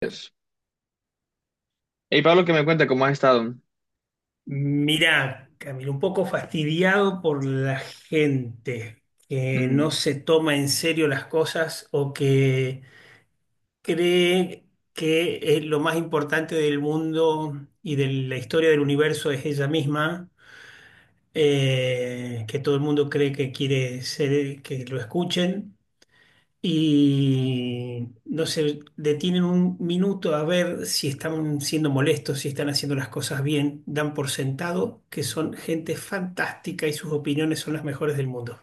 Dios. Hey Pablo, que me cuenta cómo has estado. Mirá, Camilo, un poco fastidiado por la gente que no Mm. se toma en serio las cosas o que cree que es lo más importante del mundo y de la historia del universo es ella misma, que todo el mundo cree que quiere ser, que lo escuchen y no se detienen un minuto a ver si están siendo molestos, si están haciendo las cosas bien, dan por sentado que son gente fantástica y sus opiniones son las mejores del mundo.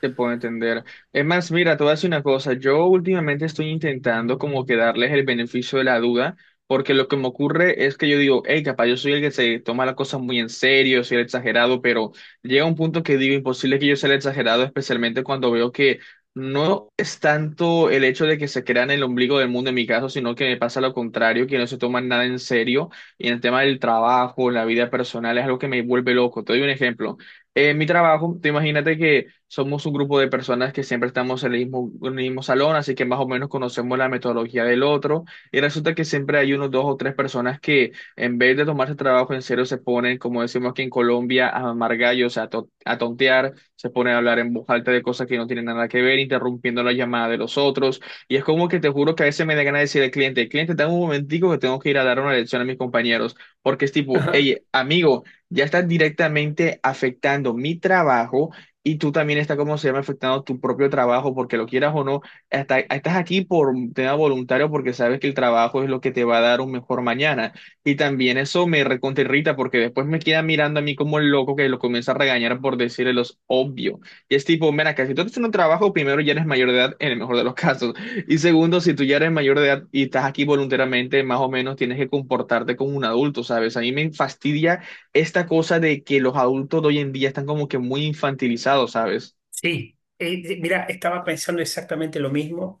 Te puedo entender. Es más, mira, te voy a decir una cosa. Yo últimamente estoy intentando como que darles el beneficio de la duda, porque lo que me ocurre es que yo digo, hey, capaz yo soy el que se toma las cosas muy en serio, soy el exagerado, pero llega un punto que digo, imposible que yo sea el exagerado, especialmente cuando veo que no es tanto el hecho de que se crean el ombligo del mundo en mi caso, sino que me pasa lo contrario, que no se toman nada en serio. Y en el tema del trabajo, la vida personal, es algo que me vuelve loco. Te doy un ejemplo. En mi trabajo, tú imagínate que somos un grupo de personas que siempre estamos en el mismo salón, así que más o menos conocemos la metodología del otro, y resulta que siempre hay unos dos o tres personas que en vez de tomarse el trabajo en serio se ponen, como decimos aquí en Colombia, a mamar gallos, a tontear, se ponen a hablar en voz alta de cosas que no tienen nada que ver, interrumpiendo la llamada de los otros, y es como que te juro que a veces me da ganas de decir al cliente, cliente, dame un momentico que tengo que ir a dar una lección a mis compañeros, porque es tipo, Ajá. hey, amigo, ya estás directamente afectando mi trabajo y tú también estás, ¿como se llama?, afectando tu propio trabajo, porque lo quieras o no, estás aquí por tema voluntario porque sabes que el trabajo es lo que te va a dar un mejor mañana. Y también eso me recontra irrita porque después me queda mirando a mí como el loco que lo comienza a regañar por decirle los obvio. Y es tipo, mira, que si tú estás en un trabajo, primero ya eres mayor de edad, en el mejor de los casos. Y segundo, si tú ya eres mayor de edad y estás aquí voluntariamente, más o menos tienes que comportarte como un adulto, ¿sabes? A mí me fastidia esta cosa de que los adultos de hoy en día están como que muy infantilizados, ¿sabes? Sí, mira, estaba pensando exactamente lo mismo.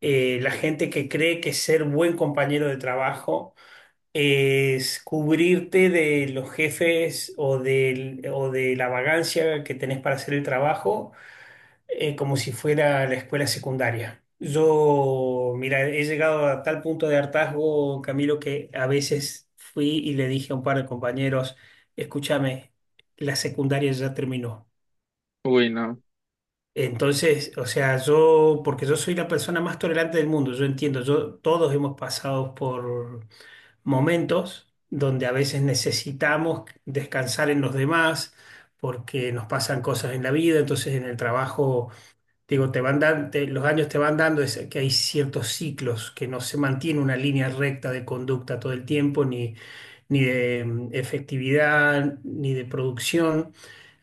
La gente que cree que ser buen compañero de trabajo es cubrirte de los jefes o de la vagancia que tenés para hacer el trabajo como si fuera la escuela secundaria. Yo, mira, he llegado a tal punto de hartazgo, Camilo, que a veces fui y le dije a un par de compañeros, escúchame, la secundaria ya terminó. Uy, no. Entonces, o sea, yo, porque yo soy la persona más tolerante del mundo, yo entiendo, yo, todos hemos pasado por momentos donde a veces necesitamos descansar en los demás porque nos pasan cosas en la vida, entonces en el trabajo. Digo, te van dan- te- los años te van dando, es que hay ciertos ciclos, que no se mantiene una línea recta de conducta todo el tiempo, ni, ni de efectividad, ni de producción.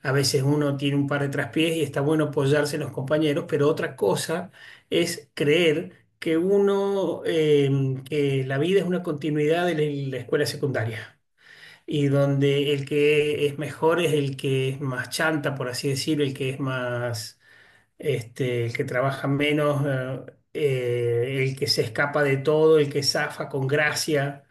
A veces uno tiene un par de traspiés y está bueno apoyarse en los compañeros, pero otra cosa es creer que uno, que la vida es una continuidad de la escuela secundaria, y donde el que es mejor es el que es más chanta, por así decirlo, el que es más este, el que trabaja menos, el que se escapa de todo, el que zafa con gracia,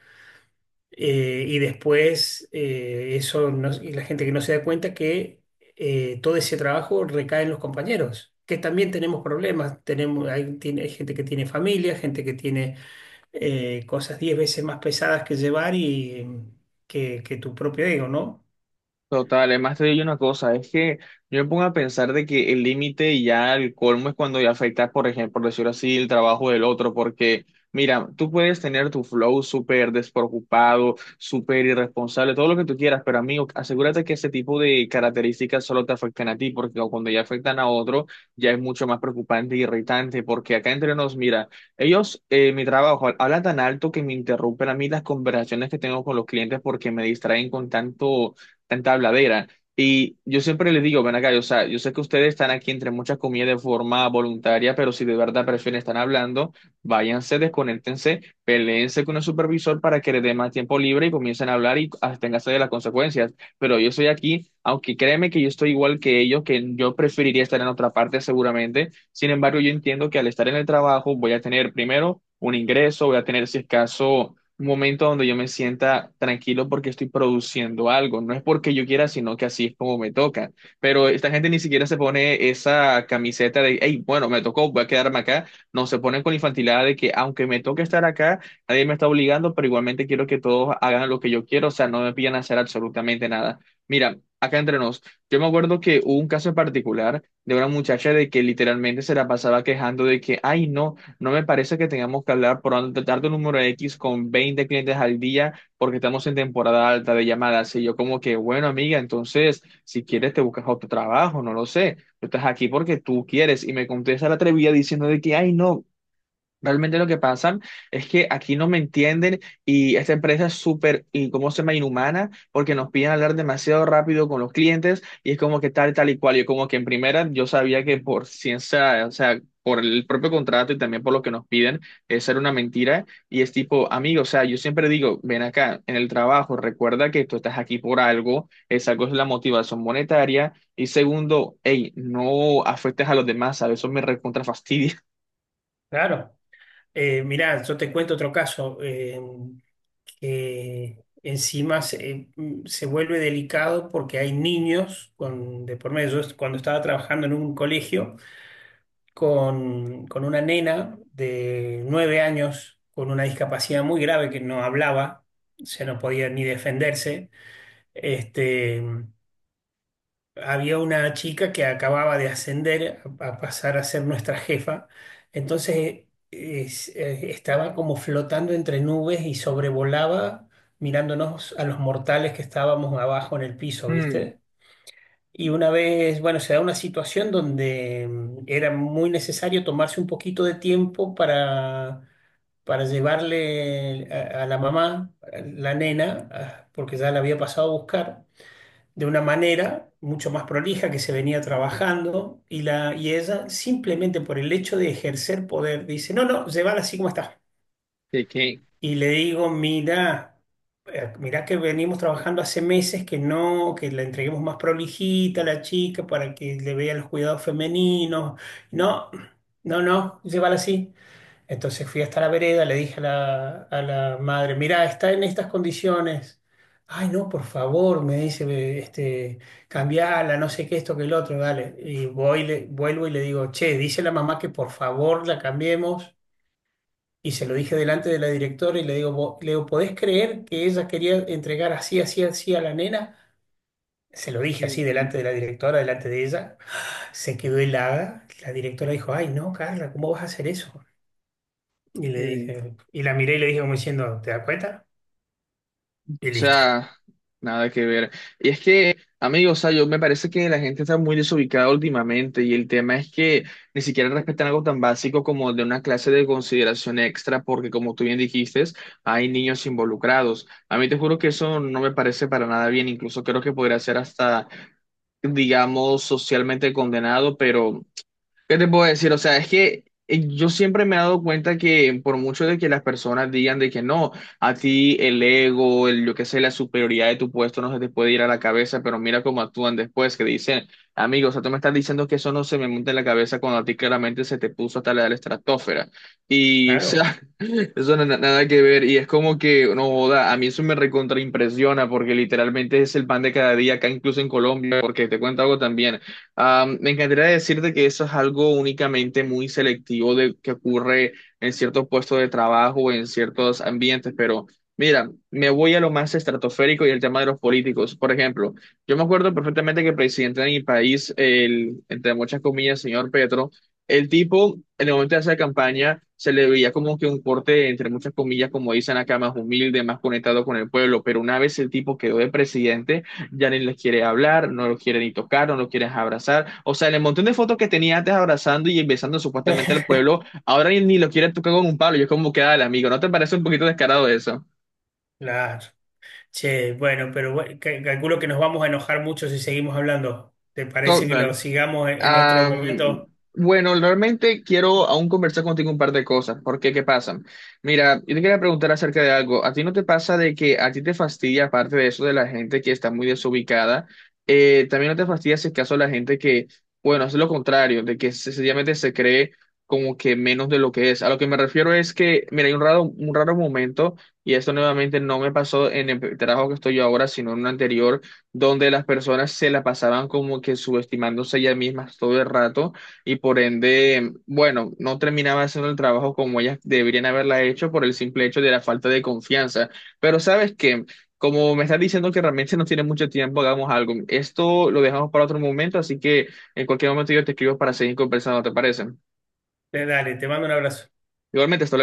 y la gente que no se da cuenta que todo ese trabajo recae en los compañeros, que también tenemos problemas, hay gente que tiene familia, gente que tiene cosas 10 veces más pesadas que llevar que tu propio ego, ¿no? Total, además te digo una cosa, es que yo me pongo a pensar de que el límite y ya el colmo es cuando ya afecta, por ejemplo, por decirlo así, el trabajo del otro, porque mira, tú puedes tener tu flow súper despreocupado, súper irresponsable, todo lo que tú quieras, pero amigo, asegúrate que ese tipo de características solo te afecten a ti, porque cuando ya afectan a otro, ya es mucho más preocupante e irritante, porque acá entre nos, mira, ellos, mi trabajo, hablan tan alto que me interrumpen a mí las conversaciones que tengo con los clientes porque me distraen con tanto tanta habladera. Y yo siempre les digo, ven acá, o sea, yo sé que ustedes están aquí entre muchas comidas de forma voluntaria, pero si de verdad prefieren estar hablando, váyanse, desconéctense, peleense con el supervisor para que les dé más tiempo libre y comiencen a hablar y absténganse de las consecuencias. Pero yo estoy aquí, aunque créeme que yo estoy igual que ellos, que yo preferiría estar en otra parte seguramente. Sin embargo, yo entiendo que al estar en el trabajo voy a tener primero un ingreso, voy a tener si es caso un momento donde yo me sienta tranquilo porque estoy produciendo algo. No es porque yo quiera, sino que así es como me toca. Pero esta gente ni siquiera se pone esa camiseta de, hey, bueno, me tocó, voy a quedarme acá. No, se ponen con la infantilidad de que aunque me toque estar acá, nadie me está obligando, pero igualmente quiero que todos hagan lo que yo quiero. O sea, no me piden hacer absolutamente nada. Mira, acá entre nos, yo me acuerdo que hubo un caso en particular de una muchacha de que literalmente se la pasaba quejando de que, ay, no. No me parece que tengamos que hablar tratar de un número X con 20 clientes al día porque estamos en temporada alta de llamadas. Y yo como que, bueno, amiga, entonces, si quieres te buscas otro trabajo, no lo sé. Tú estás aquí porque tú quieres. Y me contesta la atrevida diciendo de que, ay, no, realmente lo que pasa es que aquí no me entienden y esta empresa es súper, y cómo se llama?, inhumana, porque nos piden hablar demasiado rápido con los clientes y es como que tal, tal y cual. Yo como que en primera yo sabía que por ciencia, o sea, por el propio contrato y también por lo que nos piden, es era una mentira. Y es tipo, amigo, o sea, yo siempre digo, ven acá en el trabajo, recuerda que tú estás aquí por algo, esa cosa es la motivación monetaria. Y segundo, hey, no afectes a los demás, ¿sabes? Eso me recontra fastidia. Claro. Mirá, yo te cuento otro caso. Que encima se vuelve delicado porque hay niños con, de por medio. Yo cuando estaba trabajando en un colegio con una nena de 9 años con una discapacidad muy grave que no hablaba, o sea, no podía ni defenderse, este, había una chica que acababa de ascender a pasar a ser nuestra jefa, entonces estaba como flotando entre nubes y sobrevolaba mirándonos a los mortales que estábamos abajo en el piso, Hmm. ¿viste? Y una vez, bueno, se da una situación donde era muy necesario tomarse un poquito de tiempo para llevarle a la mamá, a la nena, porque ya la había pasado a buscar de una manera mucho más prolija que se venía trabajando, y, la, y ella simplemente por el hecho de ejercer poder dice, no, no, llévala así como está. ¿De qué? Y le digo, mira, mira que venimos trabajando hace meses que no, que la entreguemos más prolijita a la chica para que le vea los cuidados femeninos. No, no, no, llévala así. Entonces fui hasta la vereda, le dije a la madre, mirá, está en estas condiciones. Ay, no, por favor, me dice, "ve, este, cambiala, no sé qué, esto, que el otro, dale." Y voy, le, vuelvo y le digo, che, dice la mamá que por favor la cambiemos. Y se lo dije delante de la directora y le digo, le digo, ¿podés creer que ella quería entregar así, así, así a la nena? Se lo dije así Mm, delante de la directora, delante de ella. Se quedó helada. La directora dijo, ay, no, Carla, ¿cómo vas a hacer eso? Y le mm. dije, y la miré y le dije como diciendo, ¿te das cuenta? O Y listo. sea, nada que ver. Y es que, amigos, o sea, yo me parece que la gente está muy desubicada últimamente y el tema es que ni siquiera respetan algo tan básico como de una clase de consideración extra porque, como tú bien dijiste, hay niños involucrados. A mí te juro que eso no me parece para nada bien. Incluso creo que podría ser hasta, digamos, socialmente condenado, pero... ¿Qué te puedo decir? O sea, es que yo siempre me he dado cuenta que por mucho de que las personas digan de que no, a ti el ego, el, yo qué sé, la superioridad de tu puesto no se te puede ir a la cabeza, pero mira cómo actúan después, que dicen, amigo, o sea, tú me estás diciendo que eso no se me monta en la cabeza cuando a ti claramente se te puso hasta la estratosfera. Y, o Claro. sea, eso no, nada que ver. Y es como que, no joda, a mí eso me recontraimpresiona porque literalmente es el pan de cada día acá, incluso en Colombia, porque te cuento algo también. Me encantaría decirte que eso es algo únicamente muy selectivo de que ocurre en ciertos puestos de trabajo o en ciertos ambientes, pero mira, me voy a lo más estratosférico y el tema de los políticos. Por ejemplo, yo me acuerdo perfectamente que el presidente de mi país, el, entre muchas comillas, señor Petro, el tipo, en el momento de hacer campaña, se le veía como que un corte, entre muchas comillas, como dicen acá, más humilde, más conectado con el pueblo, pero una vez el tipo quedó de presidente, ya ni les quiere hablar, no los quiere ni tocar, no los quiere abrazar. O sea, el montón de fotos que tenía antes abrazando y besando supuestamente al pueblo, ahora ni lo quieren tocar con un palo. Yo es como queda el amigo. ¿No te parece un poquito descarado eso? Claro. Che, bueno, pero bueno, calculo que nos vamos a enojar mucho si seguimos hablando. ¿Te parece que lo Total. sigamos en otro Am, momento? bueno, realmente quiero aún conversar contigo un par de cosas, porque ¿qué pasan? Mira, yo te quería preguntar acerca de algo. ¿A ti no te pasa de que a ti te fastidia, aparte de eso de la gente que está muy desubicada, también no te fastidia si es caso la gente que, bueno, es lo contrario, de que sencillamente se cree como que menos de lo que es? A lo que me refiero es que, mira, hay un raro momento, y esto nuevamente no me pasó en el trabajo que estoy yo ahora, sino en un anterior donde las personas se la pasaban como que subestimándose ellas mismas todo el rato y por ende, bueno, no terminaban haciendo el trabajo como ellas deberían haberla hecho por el simple hecho de la falta de confianza. Pero sabes que, como me estás diciendo que realmente no tiene mucho tiempo, hagamos algo. Esto lo dejamos para otro momento, así que en cualquier momento yo te escribo para seguir conversando, ¿te parece? Dale, te mando un abrazo. Igualmente, hasta